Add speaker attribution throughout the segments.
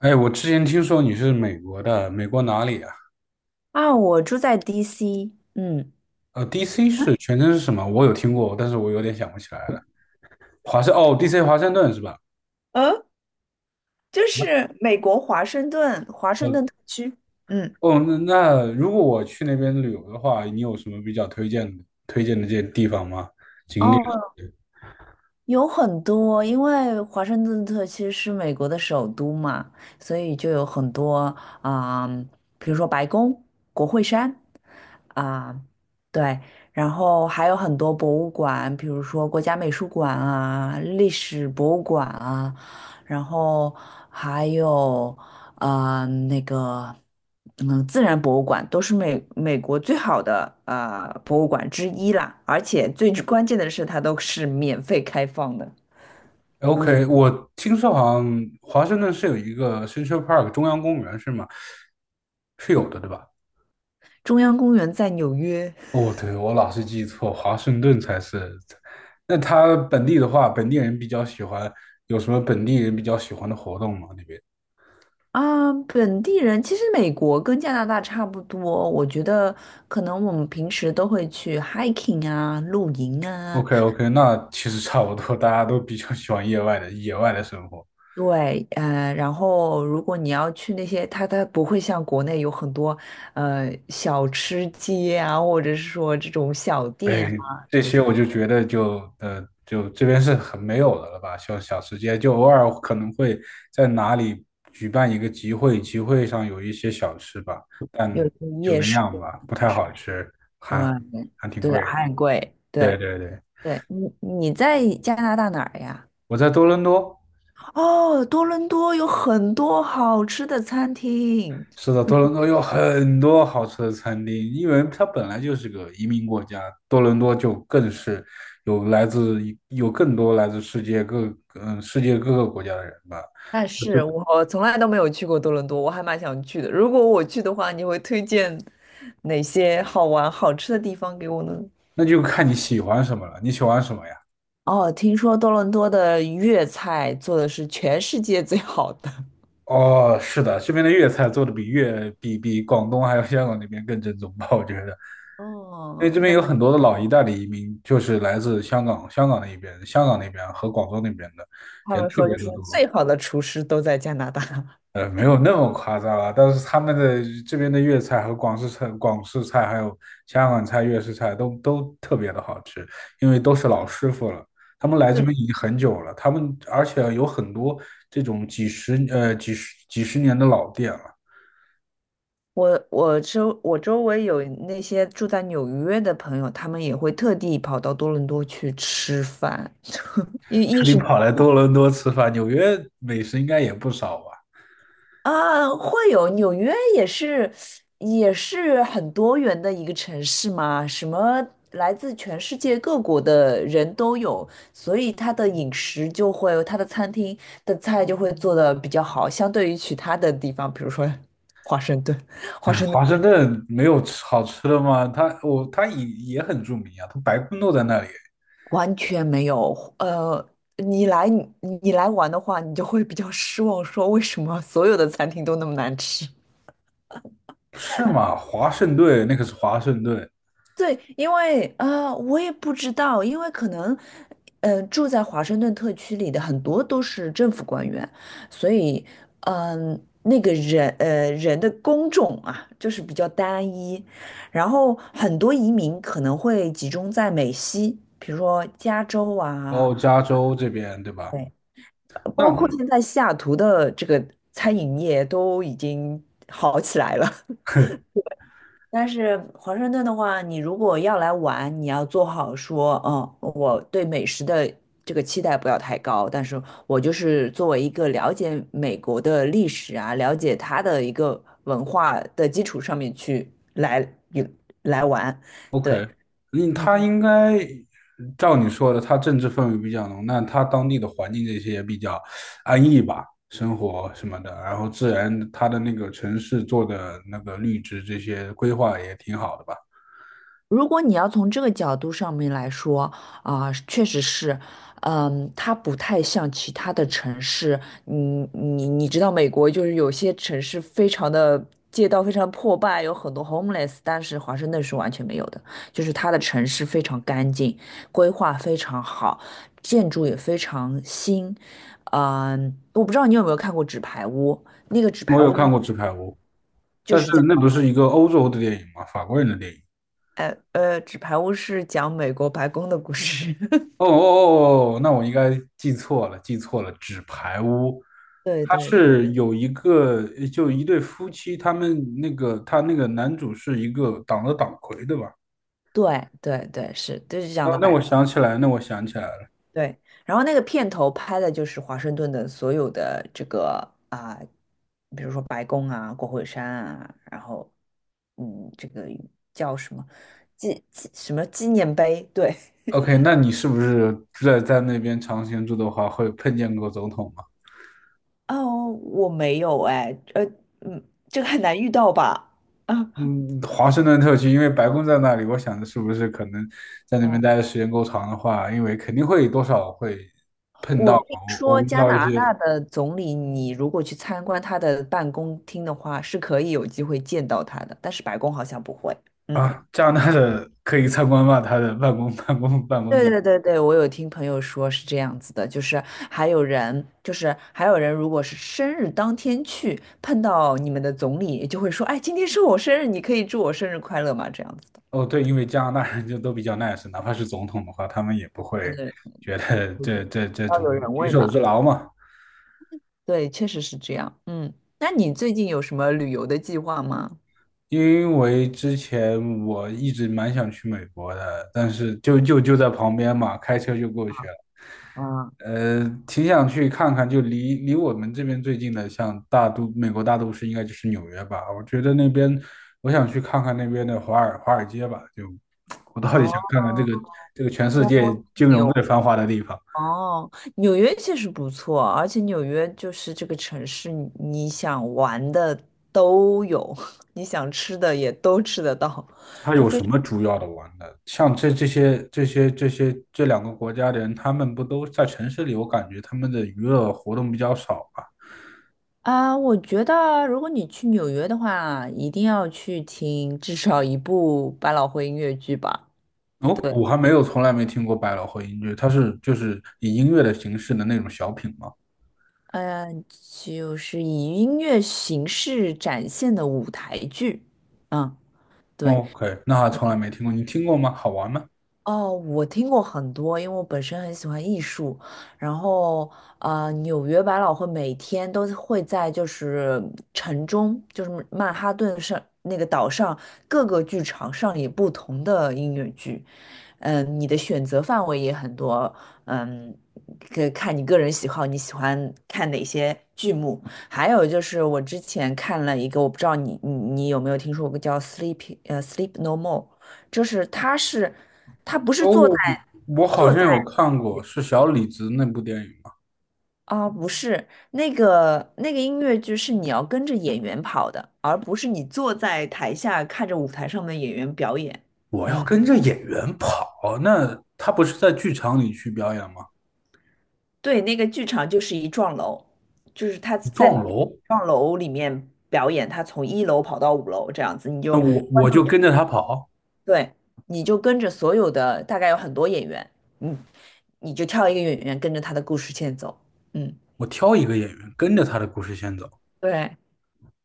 Speaker 1: 哎，我之前听说你是美国的，美国哪里啊？
Speaker 2: 啊，我住在 DC，嗯，
Speaker 1: DC 是全称是什么？我有听过，但是我有点想不起来了。哦，DC 华盛顿是吧？
Speaker 2: 嗯，就是美国华盛顿，华盛
Speaker 1: 呃，
Speaker 2: 顿特区。嗯，
Speaker 1: 哦，那如果我去那边旅游的话，你有什么比较推荐的这些地方吗？景点
Speaker 2: 哦，有很多，因为华盛顿特区是美国的首都嘛，所以就有很多啊、比如说白宫、国会山啊、对，然后还有很多博物馆，比如说国家美术馆啊、历史博物馆啊，然后还有那个，自然博物馆都是美国最好的啊博物馆之一啦，而且最关键的是它都是免费开放的。嗯，
Speaker 1: ？OK，我听说好像华盛顿是有一个 Central Park 中央公园是吗？是有的，对吧？
Speaker 2: 中央公园在纽约
Speaker 1: 哦，对，我老是记错，华盛顿才是。那他本地的话，本地人比较喜欢，有什么本地人比较喜欢的活动吗？那边
Speaker 2: 啊，本地人其实美国跟加拿大差不多，我觉得可能我们平时都会去 hiking 啊、露营啊，
Speaker 1: ？OK OK,那其实差不多，大家都比较喜欢野外的生活。
Speaker 2: 对，然后如果你要去那些，它不会像国内有很多，小吃街啊，或者是说这种小店
Speaker 1: 哎，
Speaker 2: 啊，
Speaker 1: 这些我就觉得就这边是很没有的了吧，像小吃街，就偶尔可能会在哪里举办一个集会，集会上有一些小吃吧，
Speaker 2: 有一
Speaker 1: 但
Speaker 2: 些
Speaker 1: 就
Speaker 2: 夜
Speaker 1: 那
Speaker 2: 市
Speaker 1: 样吧，不
Speaker 2: 啊
Speaker 1: 太
Speaker 2: 什
Speaker 1: 好吃，还
Speaker 2: 么的，
Speaker 1: 还挺
Speaker 2: 对对，
Speaker 1: 贵的
Speaker 2: 还很贵，对
Speaker 1: 对对对。
Speaker 2: 对，你在加拿大哪儿呀？
Speaker 1: 我在多伦多，
Speaker 2: 哦，多伦多有很多好吃的餐厅，
Speaker 1: 是的，多伦多有很多好吃的餐厅，因为它本来就是个移民国家，多伦多就更是有来自有更多来自世界各个国家的人吧。
Speaker 2: 但
Speaker 1: 那就
Speaker 2: 是我从来都没有去过多伦多，我还蛮想去的。如果我去的话，你会推荐哪些好玩好吃的地方给我呢？
Speaker 1: 那就看你喜欢什么了，你喜欢什么呀？
Speaker 2: 哦，听说多伦多的粤菜做的是全世界最好的。
Speaker 1: 哦，是的，这边的粤菜做的比粤比比广东还有香港那边更正宗吧，我觉得。因
Speaker 2: 哦，
Speaker 1: 为这边
Speaker 2: 那
Speaker 1: 有很多的老一代的移民，就是来自香港、香港那一边、香港那边和广州那边的
Speaker 2: 他
Speaker 1: 人
Speaker 2: 们
Speaker 1: 特
Speaker 2: 说
Speaker 1: 别
Speaker 2: 就是
Speaker 1: 的
Speaker 2: 最
Speaker 1: 多。
Speaker 2: 好的厨师都在加拿大。
Speaker 1: 没有那么夸张啊，但是他们的这边的粤菜和广式菜还有香港菜、粤式菜都特别的好吃，因为都是老师傅了，他们来这边已经很久了，他们而且有很多这种几十年的老店了，
Speaker 2: 我周围有那些住在纽约的朋友，他们也会特地跑到多伦多去吃饭，因为
Speaker 1: 特
Speaker 2: 一
Speaker 1: 地
Speaker 2: 是
Speaker 1: 跑来多伦多吃饭，纽约美食应该也不少吧？
Speaker 2: 啊，会有纽约也是，也是很多元的一个城市嘛，什么来自全世界各国的人都有，所以它的饮食就会，它的餐厅的菜就会做的比较好，相对于其他的地方，比如说华盛顿，华
Speaker 1: 嗯
Speaker 2: 盛顿
Speaker 1: 华盛顿没有吃好吃的吗？它也很著名啊，它白宫都在那里，
Speaker 2: 完全没有。呃，你来你来玩的话，你就会比较失望，说为什么所有的餐厅都那么难吃？
Speaker 1: 是吗？华盛顿那可是华盛顿。
Speaker 2: 对，因为啊、我也不知道，因为可能，住在华盛顿特区里的很多都是政府官员，所以，那个人，人的工种啊，就是比较单一，然后很多移民可能会集中在美西，比如说加州啊，
Speaker 1: 哦，加州这边对吧？
Speaker 2: 对，
Speaker 1: 那
Speaker 2: 包 括现在西雅图的这个餐饮业都已经好起来了。但是华盛顿的话，你如果要来玩，你要做好说，我对美食的这个期待不要太高，但是我就是作为一个了解美国的历史啊，了解它的一个文化的基础上面去来有来玩，对。
Speaker 1: OK,
Speaker 2: 嗯。
Speaker 1: 他应该照你说的，他政治氛围比较浓，那他当地的环境这些也比较安逸吧，生活什么的，然后自然他的那个城市做的那个绿植这些规划也挺好的吧。
Speaker 2: 如果你要从这个角度上面来说，啊、确实是，它不太像其他的城市，你知道美国就是有些城市非常的街道非常破败，有很多 homeless，但是华盛顿是完全没有的，就是它的城市非常干净，规划非常好，建筑也非常新，我不知道你有没有看过《纸牌屋》，那个《纸
Speaker 1: 我
Speaker 2: 牌
Speaker 1: 有
Speaker 2: 屋》的，
Speaker 1: 看过《纸牌屋》，
Speaker 2: 就
Speaker 1: 但是
Speaker 2: 是在。
Speaker 1: 那不是一个欧洲的电影吗？法国人的电影。
Speaker 2: 《纸牌屋》是讲美国白宫的故事。
Speaker 1: 哦哦哦，哦，那我应该记错了，记错了，《纸牌屋》，
Speaker 2: 对
Speaker 1: 它
Speaker 2: 对对
Speaker 1: 是有就一对夫妻，他那个男主是一个党的党魁，对吧？
Speaker 2: 对对对，是就是这样
Speaker 1: 那
Speaker 2: 的
Speaker 1: 那
Speaker 2: 摆。
Speaker 1: 我想起来，那我想起来了。
Speaker 2: 对，然后那个片头拍的就是华盛顿的所有的这个啊、比如说白宫啊、国会山啊，然后这个叫什么什么纪念碑？对，
Speaker 1: OK，那你是不是在那边长期住的话，会碰见过总统吗？
Speaker 2: 哦，我没有哎，嗯，这个很难遇到吧？啊，
Speaker 1: 嗯，华盛顿特区，因为白宫在那里，我想着是不是可能在那边待的时间够长的话，因为肯定会多少会碰
Speaker 2: 我
Speaker 1: 到，
Speaker 2: 听
Speaker 1: 我
Speaker 2: 说
Speaker 1: 我遇
Speaker 2: 加
Speaker 1: 到一
Speaker 2: 拿大
Speaker 1: 些。
Speaker 2: 的总理，你如果去参观他的办公厅的话，是可以有机会见到他的，但是白宫好像不会。嗯，
Speaker 1: 啊，加拿大的可以参观吗？他的办公 办公
Speaker 2: 对
Speaker 1: 地。
Speaker 2: 对对对，我有听朋友说是这样子的，就是还有人，如果是生日当天去碰到你们的总理，就会说，哎，今天是我生日，你可以祝我生日快乐吗？这样子的，
Speaker 1: 哦，对，因为加拿大人就都比较 nice，哪怕是总统的话，他们也不会
Speaker 2: 对对，
Speaker 1: 觉得这
Speaker 2: 要
Speaker 1: 种
Speaker 2: 有人
Speaker 1: 举
Speaker 2: 味
Speaker 1: 手
Speaker 2: 嘛。
Speaker 1: 之劳嘛。
Speaker 2: 对，确实是这样。嗯，那你最近有什么旅游的计划吗？
Speaker 1: 因为之前我一直蛮想去美国的，但是就在旁边嘛，开车就过去了。
Speaker 2: 啊，
Speaker 1: 挺想去看看，就离我们这边最近的，像美国大都市，应该就是纽约吧。我觉得那边，我想去看看那边的华尔街吧。就 我到底想
Speaker 2: 哦。
Speaker 1: 看看这个全世界金融最繁华的地方。
Speaker 2: 哦，纽约确实不错，而且纽约就是这个城市，你想玩的都有，你想吃的也都吃得到，
Speaker 1: 他
Speaker 2: 就
Speaker 1: 有
Speaker 2: 非
Speaker 1: 什
Speaker 2: 常。
Speaker 1: 么主要的玩的？像这两个国家的人，他们不都在城市里？我感觉他们的娱乐活动比较少吧。
Speaker 2: 啊，我觉得如果你去纽约的话，一定要去听至少一部百老汇音乐剧吧。
Speaker 1: 哦，我还没有从来没听过百老汇音乐，它是就是以音乐的形式的那种小品吗？
Speaker 2: 嗯、就是以音乐形式展现的舞台剧。嗯，
Speaker 1: 哦
Speaker 2: 对，
Speaker 1: ？OK，那还从来没听过，你听过吗？好玩吗？
Speaker 2: 哦，我听过很多，因为我本身很喜欢艺术，然后纽约百老汇每天都会在就是城中，就是曼哈顿上那个岛上各个剧场上演不同的音乐剧，你的选择范围也很多，嗯，可以看你个人喜好，你喜欢看哪些剧目？还有就是我之前看了一个，我不知道你有没有听说过叫《Sleep》《Sleep No More》。就是它是不是？做。
Speaker 1: 哦，我好
Speaker 2: 坐
Speaker 1: 像
Speaker 2: 在
Speaker 1: 有看过，是小李子那部电影吗？
Speaker 2: 啊，不是那个音乐剧是你要跟着演员跑的，而不是你坐在台下看着舞台上的演员表演。
Speaker 1: 我要
Speaker 2: 嗯，
Speaker 1: 跟着演员跑，那他不是在剧场里去表演吗？
Speaker 2: 对，那个剧场就是一幢楼，就是他在那
Speaker 1: 撞楼，
Speaker 2: 幢楼里面表演，他从一楼跑到五楼这样子，你
Speaker 1: 那
Speaker 2: 就
Speaker 1: 我就跟着他跑。
Speaker 2: 对，你就跟着所有的大概有很多演员，嗯，你就挑一个演员跟着他的故事线走，嗯，
Speaker 1: 我挑一个演员跟着他的故事线走，
Speaker 2: 对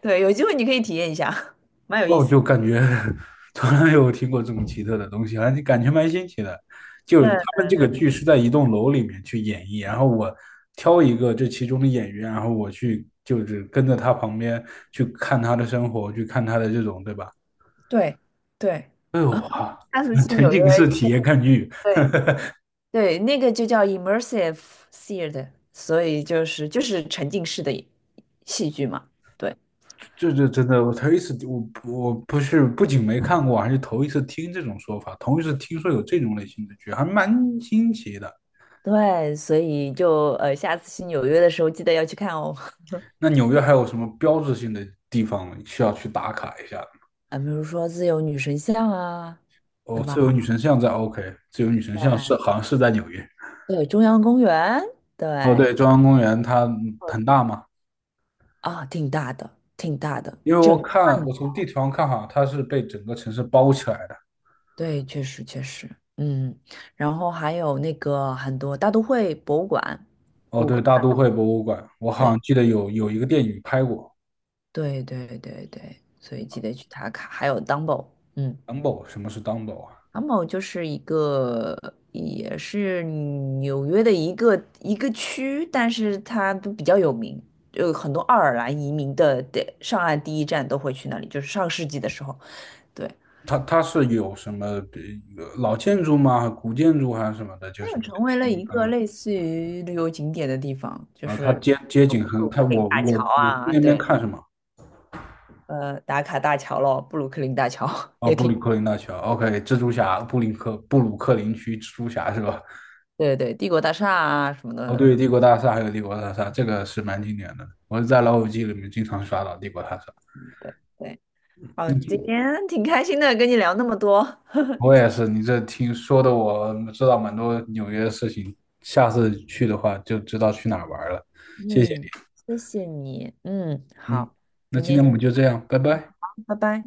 Speaker 2: 对，有机会你可以体验一下，蛮有意
Speaker 1: 哦，
Speaker 2: 思的。
Speaker 1: 就感觉 从来没有听过这么奇特的东西，而且感觉蛮新奇的。就是他们这个剧是在一栋楼里面去演绎，然后我挑一个这其中的演员，然后我去就是跟着他旁边去看他的生活，去看他的这种，对吧？
Speaker 2: 对对对。
Speaker 1: 哎呦哇！
Speaker 2: 上次 去
Speaker 1: 沉
Speaker 2: 纽约，
Speaker 1: 浸式体验看剧，
Speaker 2: 对对，那个就叫 immersive theater，所以就是沉浸式的戏剧嘛。对
Speaker 1: 这真的，我头一次，我不是不仅没看过，还是头一次听这种说法，头一次听说有这种类型的剧，还蛮新奇的。
Speaker 2: 对，所以就下次去纽约的时候记得要去看哦。
Speaker 1: 那纽约还有什么标志性的地方需要去打卡一下？
Speaker 2: 啊，比如说自由女神像啊，对
Speaker 1: 哦，
Speaker 2: 吧？
Speaker 1: 自由女神像在 OK，自由女神像好像是在纽约。
Speaker 2: 对，对，中央公园，
Speaker 1: 哦，
Speaker 2: 对，
Speaker 1: 对，中央公园它很大嘛，
Speaker 2: 啊，挺大的，挺大的。
Speaker 1: 因为
Speaker 2: 嗯，
Speaker 1: 我从地图上看，哈，它是被整个城市包起来的。
Speaker 2: 对，确实确实，嗯，然后还有那个很多大都会博物馆，
Speaker 1: 哦，
Speaker 2: 谷歌。
Speaker 1: 对，大都会博物馆，我好
Speaker 2: 对。
Speaker 1: 像记得有一个电影拍过
Speaker 2: 对对对对，所以记得去打卡。还有 Dumbo，嗯
Speaker 1: ，Dumbo，什么是 Dumbo 啊？
Speaker 2: ，Dumbo 就是一个也是纽约的一个区，但是它都比较有名，有很多爱尔兰移民的上岸第一站都会去那里，就是上世纪的时候，对，
Speaker 1: 它是有什么老建筑吗？古建筑还是什么的？
Speaker 2: 它
Speaker 1: 就
Speaker 2: 又
Speaker 1: 是我
Speaker 2: 成
Speaker 1: 得去
Speaker 2: 为了
Speaker 1: 那边
Speaker 2: 一
Speaker 1: 看
Speaker 2: 个
Speaker 1: 看。
Speaker 2: 类似于旅游景点的地方，就
Speaker 1: 啊，它
Speaker 2: 是
Speaker 1: 街景
Speaker 2: 布
Speaker 1: 很，
Speaker 2: 鲁
Speaker 1: 它
Speaker 2: 克林
Speaker 1: 我
Speaker 2: 大
Speaker 1: 我
Speaker 2: 桥
Speaker 1: 我去
Speaker 2: 啊，
Speaker 1: 那边
Speaker 2: 对，
Speaker 1: 看什么？
Speaker 2: 打卡大桥咯，布鲁克林大桥
Speaker 1: 哦，
Speaker 2: 也
Speaker 1: 布
Speaker 2: 挺，
Speaker 1: 鲁克林大桥，OK，蜘蛛侠，布鲁克林区蜘蛛侠是吧？
Speaker 2: 对对，帝国大厦啊什么
Speaker 1: 哦，
Speaker 2: 的。
Speaker 1: 对，帝国大厦还有帝国大厦，这个是蛮经典的。我是在老友记里面经常刷到帝国大厦。
Speaker 2: 对。好，今天挺开心的，跟你聊那么多。
Speaker 1: 我也是，你这听说的，我知道蛮多纽约的事情。下次去的话就知道去哪儿玩了。谢谢
Speaker 2: 嗯，谢谢你。嗯，
Speaker 1: 你，
Speaker 2: 好，
Speaker 1: 那
Speaker 2: 明
Speaker 1: 今
Speaker 2: 天
Speaker 1: 天
Speaker 2: 先
Speaker 1: 我
Speaker 2: 这
Speaker 1: 们就这
Speaker 2: 样
Speaker 1: 样，拜拜。
Speaker 2: 拜拜。